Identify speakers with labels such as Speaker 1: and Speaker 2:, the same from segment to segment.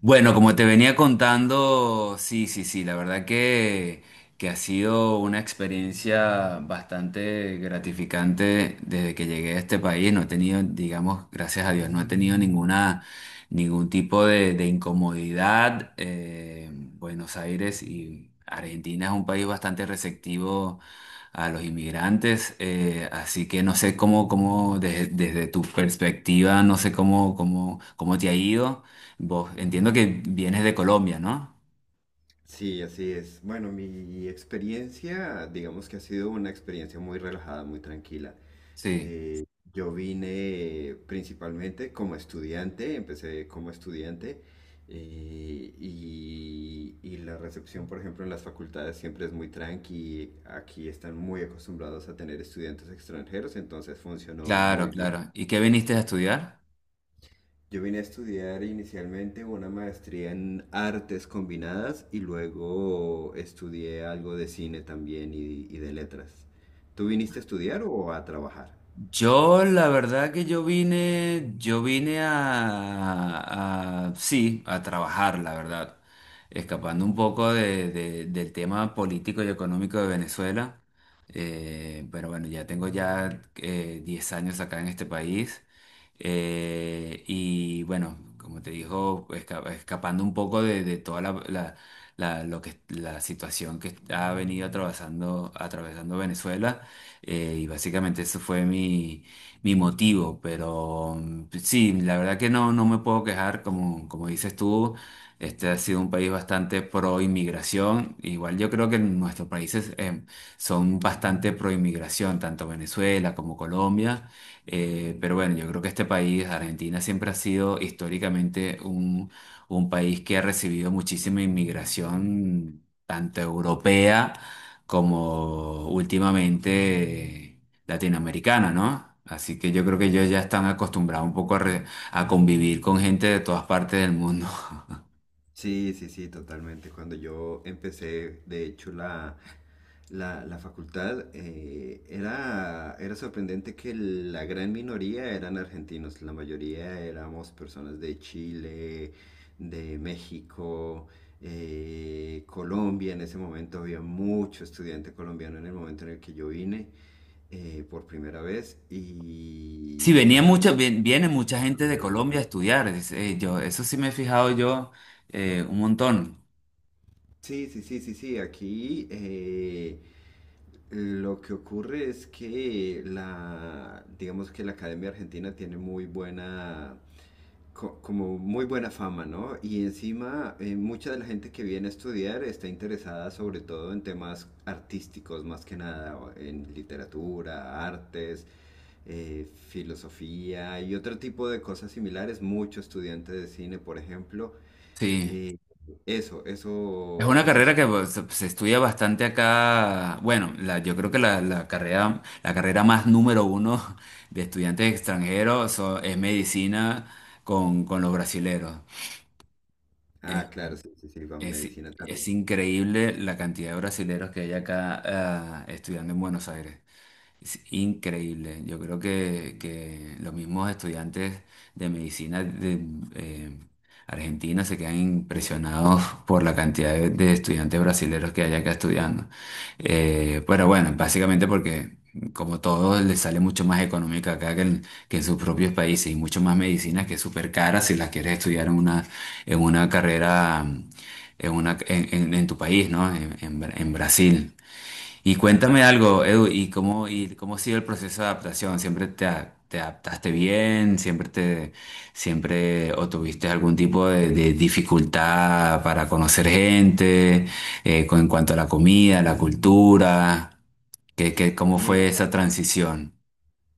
Speaker 1: Bueno, como te venía contando, sí, sí, sí, la verdad que ha sido una experiencia bastante gratificante desde que llegué a este país. No he tenido, digamos, gracias a Dios, no he tenido ningún tipo de incomodidad. Buenos Aires y Argentina es un país bastante receptivo a los inmigrantes, así que no sé cómo, cómo desde tu perspectiva, no sé cómo, cómo, cómo te ha ido. Vos, entiendo que vienes de Colombia, ¿no?
Speaker 2: Sí, así es. Bueno, mi experiencia, digamos que ha sido una experiencia muy relajada, muy tranquila.
Speaker 1: Sí,
Speaker 2: Eh, yo vine principalmente como estudiante, empecé como estudiante y la recepción, por ejemplo, en las facultades siempre es muy tranqui. Aquí están muy acostumbrados a tener estudiantes extranjeros, entonces funcionó
Speaker 1: claro,
Speaker 2: muy bien.
Speaker 1: claro. ¿Y qué viniste a estudiar?
Speaker 2: Yo vine a estudiar inicialmente una maestría en artes combinadas y luego estudié algo de cine también y de letras. ¿Tú viniste a estudiar o a trabajar?
Speaker 1: Yo, la verdad que yo vine a, sí, a trabajar, la verdad, escapando un poco del tema político y económico de Venezuela. Pero bueno, ya tengo ya 10 años acá en este país. Y bueno, como te dijo, escapando un poco de toda lo que, la situación que ha venido atravesando, atravesando Venezuela. Y básicamente eso fue mi motivo, pero pues sí, la verdad que no, no me puedo quejar, como, como dices tú, este ha sido un país bastante pro inmigración, igual yo creo que nuestros países son bastante pro inmigración, tanto Venezuela como Colombia. Pero bueno, yo creo que este país, Argentina, siempre ha sido históricamente un país que ha recibido muchísima inmigración, tanto europea, como últimamente latinoamericana, ¿no? Así que yo creo que ellos ya están acostumbrados un poco a convivir con gente de todas partes del mundo.
Speaker 2: Sí, sí, sí, totalmente. Cuando yo empecé, de hecho, la facultad, era sorprendente que la gran minoría eran argentinos, la mayoría éramos personas de Chile, de México, Colombia. En ese momento había mucho estudiante colombiano en el momento en el que yo vine por primera vez
Speaker 1: Sí,
Speaker 2: y también
Speaker 1: viene mucha gente
Speaker 2: personas
Speaker 1: de
Speaker 2: de
Speaker 1: Colombia
Speaker 2: Venezuela.
Speaker 1: a estudiar. Yo, eso sí me he fijado yo un montón.
Speaker 2: Sí, sí, sí, sí, sí, aquí... lo que ocurre es que la, digamos que la Academia Argentina tiene muy buena, como muy buena fama, ¿no? Y encima, mucha de la gente que viene a estudiar está interesada sobre todo en temas artísticos, más que nada, o en literatura, artes, filosofía y otro tipo de cosas similares. Mucho estudiante de cine, por ejemplo.
Speaker 1: Sí.
Speaker 2: eh, eso,
Speaker 1: Es
Speaker 2: eso,
Speaker 1: una
Speaker 2: eso es...
Speaker 1: carrera que pues, se estudia bastante acá. Bueno, yo creo que la carrera más número uno de estudiantes extranjeros es medicina con los brasileros. Eh,
Speaker 2: Ah, claro, sí, sí, sí, con
Speaker 1: Es,
Speaker 2: medicina
Speaker 1: es
Speaker 2: también.
Speaker 1: increíble la cantidad de brasileros que hay acá ah, estudiando en Buenos Aires. Es increíble. Yo creo que los mismos estudiantes de medicina de eh, Argentina se quedan impresionados por la cantidad de estudiantes brasileños que hay acá estudiando. Pero bueno, básicamente porque como todo les sale mucho más económica acá que en sus propios países y mucho más medicinas que es súper cara si las quieres estudiar en una carrera en tu país, ¿no? En en Brasil. Y
Speaker 2: Claro.
Speaker 1: cuéntame algo, Edu, y cómo ha sido el proceso de adaptación? ¿Siempre te adaptaste bien? ¿Siempre te, siempre o tuviste algún tipo de dificultad para conocer gente, con, en cuanto a la comida, la cultura?
Speaker 2: Pues
Speaker 1: Cómo fue
Speaker 2: mira,
Speaker 1: esa transición?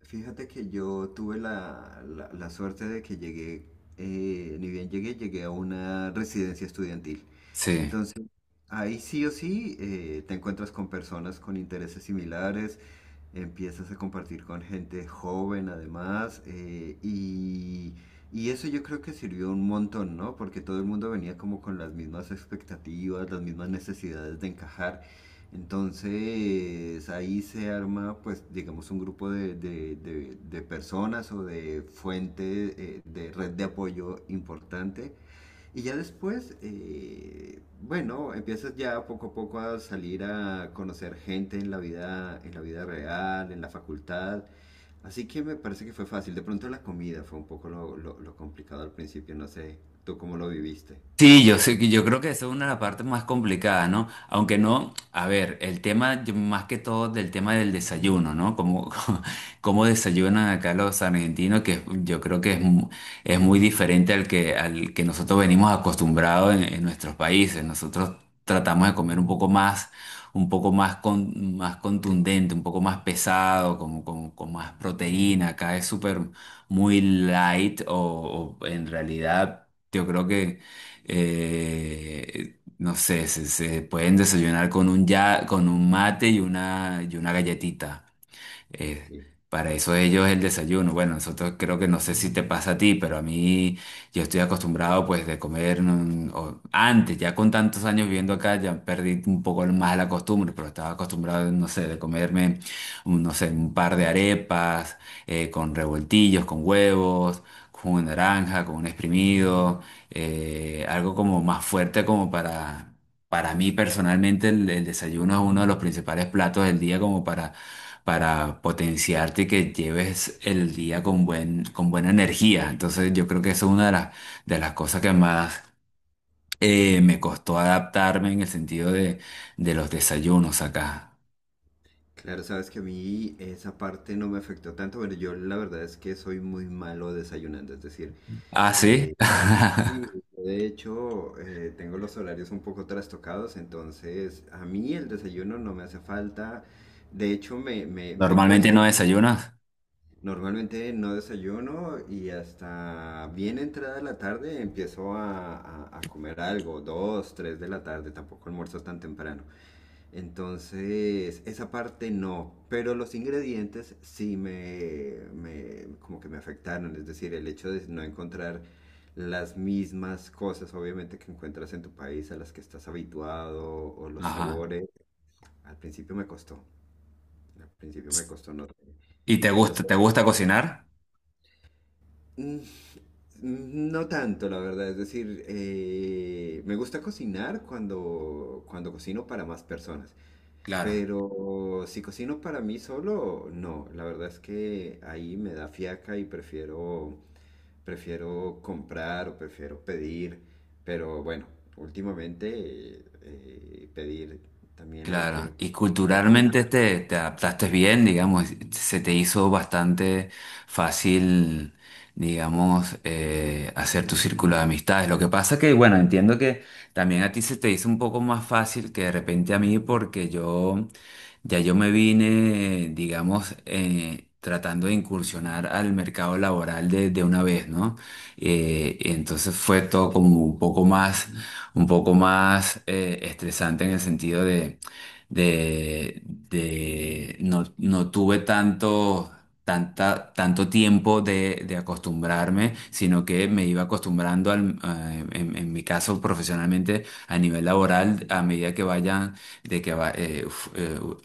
Speaker 2: fíjate que yo tuve la suerte de que llegué, ni bien llegué, llegué a una residencia estudiantil.
Speaker 1: Sí.
Speaker 2: Entonces, ahí sí o sí te encuentras con personas con intereses similares, empiezas a compartir con gente joven además, y eso yo creo que sirvió un montón, ¿no? Porque todo el mundo venía como con las mismas expectativas, las mismas necesidades de encajar. Entonces ahí se arma, pues, digamos, un grupo de, de personas o de fuente, de red de apoyo importante. Y ya después, bueno, empiezas ya poco a poco a salir a conocer gente en la vida real, en la facultad. Así que me parece que fue fácil. De pronto la comida fue un poco lo, lo complicado al principio. No sé, ¿tú cómo lo viviste?
Speaker 1: Sí, yo sé que yo creo que eso es una de las partes más complicadas, ¿no? Aunque no, a ver, el tema más que todo del tema del desayuno, ¿no? Como cómo desayunan acá los argentinos, que yo creo que es muy diferente al que nosotros venimos acostumbrados en nuestros países. Nosotros tratamos de comer un poco más con, más contundente, un poco más pesado, como con más proteína. Acá es súper muy light o en realidad yo creo que no sé, se pueden desayunar con un, ya, con un mate y una galletita. Eh, para eso ellos el desayuno. Bueno, nosotros creo que no sé si te pasa a ti, pero a mí yo estoy acostumbrado pues de comer antes, ya con tantos años viviendo acá, ya perdí un poco más la costumbre, pero estaba acostumbrado, no sé, de comerme, no sé, un par de arepas con revoltillos, con huevos. Con una naranja, con un exprimido, algo como más fuerte como para mí personalmente el desayuno es uno de los principales platos del día como para potenciarte y que lleves el día con con buena energía. Entonces yo creo que eso es una de las cosas que más me costó adaptarme en el sentido de los desayunos acá.
Speaker 2: Claro, sabes que a mí esa parte no me afectó tanto, pero yo la verdad es que soy muy malo desayunando, es decir,
Speaker 1: Ah, sí.
Speaker 2: eh, sí, de hecho tengo los horarios un poco trastocados, entonces a mí el desayuno no me hace falta, de hecho me, me, me
Speaker 1: Normalmente
Speaker 2: cuesta.
Speaker 1: no desayunas.
Speaker 2: Normalmente no desayuno y hasta bien entrada la tarde empiezo a, a comer algo, dos, tres de la tarde, tampoco almuerzo tan temprano. Entonces, esa parte no, pero los ingredientes sí me como que me afectaron, es decir, el hecho de no encontrar las mismas cosas, obviamente, que encuentras en tu país, a las que estás habituado, o los
Speaker 1: Ajá.
Speaker 2: sabores, al principio me costó, al principio me costó, no,
Speaker 1: ¿Y
Speaker 2: no sé,
Speaker 1: te gusta cocinar?
Speaker 2: Mm, no tanto, la verdad, es decir, me gusta cocinar cuando, cuando cocino para más personas.
Speaker 1: Claro.
Speaker 2: Pero si cocino para mí solo, no. La verdad es que ahí me da fiaca y prefiero, prefiero comprar o prefiero pedir. Pero bueno, últimamente pedir también hay que
Speaker 1: Claro, y
Speaker 2: pedir un poco, ¿no?
Speaker 1: culturalmente te adaptaste bien, digamos, se te hizo bastante fácil, digamos, hacer tu círculo de amistades. Lo que pasa que, bueno, entiendo que también a ti se te hizo un poco más fácil que de repente a mí, porque yo me vine, digamos, tratando de incursionar al mercado laboral de una vez, ¿no? Y entonces fue todo como un poco más estresante en el sentido no, no tuve tanto, tanto tiempo de acostumbrarme, sino que me iba acostumbrando en mi caso profesionalmente a nivel laboral a medida que vayan, de que va- uf, u-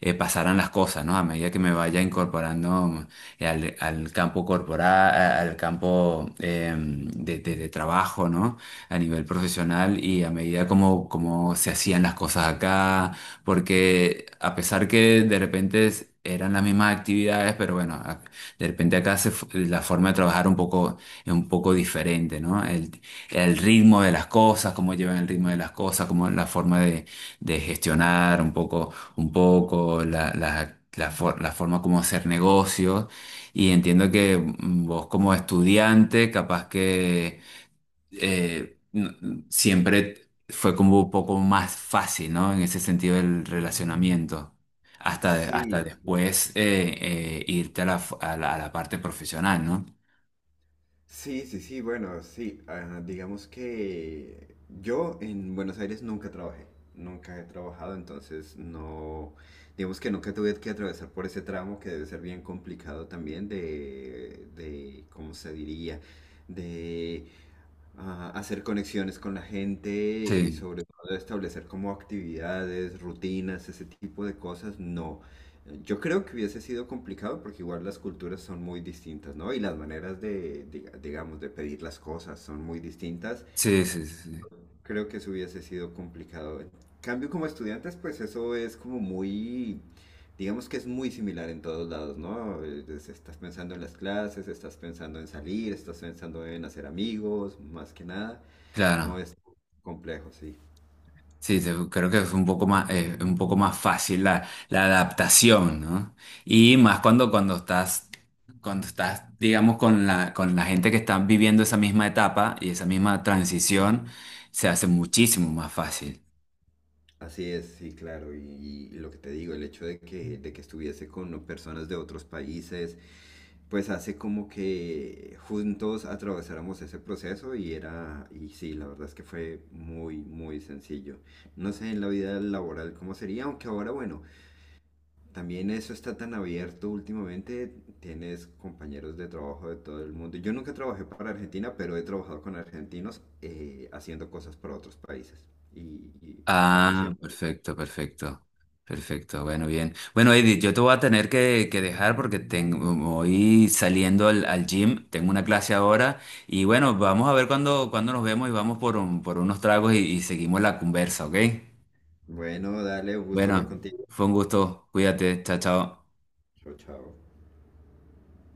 Speaker 1: pasaran las cosas, ¿no? A medida que me vaya incorporando al campo corporal, al campo de trabajo, ¿no? A nivel profesional y a medida como, como se hacían las cosas acá, porque a pesar que de repente eran las mismas actividades, pero bueno, de repente acá la forma de trabajar un poco, es un poco diferente, ¿no? El ritmo de las cosas, cómo llevan el ritmo de las cosas, cómo la forma de gestionar un poco, la forma como hacer negocios. Y entiendo que vos como estudiante, capaz que eh, no- siempre fue como un poco más fácil, ¿no? En ese sentido del relacionamiento. Hasta
Speaker 2: Sí,
Speaker 1: después irte a la, f- a la parte profesional, ¿no?
Speaker 2: sí, sí, sí, bueno, sí. Ah, digamos que yo en Buenos Aires nunca trabajé, nunca he trabajado, entonces no, digamos que nunca tuve que atravesar por ese tramo que debe ser bien complicado también de, ¿cómo se diría? De a hacer conexiones con la gente y
Speaker 1: Sí,
Speaker 2: sobre todo establecer como actividades, rutinas, ese tipo de cosas, no. Yo creo que hubiese sido complicado porque igual las culturas son muy distintas, ¿no? Y las maneras de, digamos, de pedir las cosas son muy distintas.
Speaker 1: sí, sí, sí, sí.
Speaker 2: Creo que eso hubiese sido complicado. En cambio, como estudiantes, pues eso es como muy, digamos que es muy similar en todos lados, ¿no? Estás pensando en las clases, estás pensando en salir, estás pensando en hacer amigos, más que nada. No
Speaker 1: Claro.
Speaker 2: es complejo, sí.
Speaker 1: Sí, creo que es un poco más fácil la adaptación, ¿no? Y más cuando, cuando estás, digamos, con la gente que está viviendo esa misma etapa y esa misma transición, se hace muchísimo más fácil.
Speaker 2: Así es, sí, claro. Y lo que te digo, el hecho de que estuviese con personas de otros países, pues hace como que juntos atravesáramos ese proceso y era, y sí, la verdad es que fue muy, muy sencillo. No sé en la vida laboral cómo sería, aunque ahora, bueno, también eso está tan abierto últimamente, tienes compañeros de trabajo de todo el mundo. Yo nunca trabajé para Argentina, pero he trabajado con argentinos haciendo cosas para otros países y, y ha
Speaker 1: Ah,
Speaker 2: funcionado.
Speaker 1: perfecto, perfecto. Perfecto, bueno, bien. Bueno, Edith, yo te voy a tener que dejar porque tengo, voy saliendo al, al gym, tengo una clase ahora y bueno, vamos a ver cuándo cuándo nos vemos y vamos por, por unos tragos y seguimos la conversa, ¿ok?
Speaker 2: Bueno, dale, un gusto hablar
Speaker 1: Bueno,
Speaker 2: contigo.
Speaker 1: fue un gusto, cuídate, chao, chao.
Speaker 2: Chao, chao.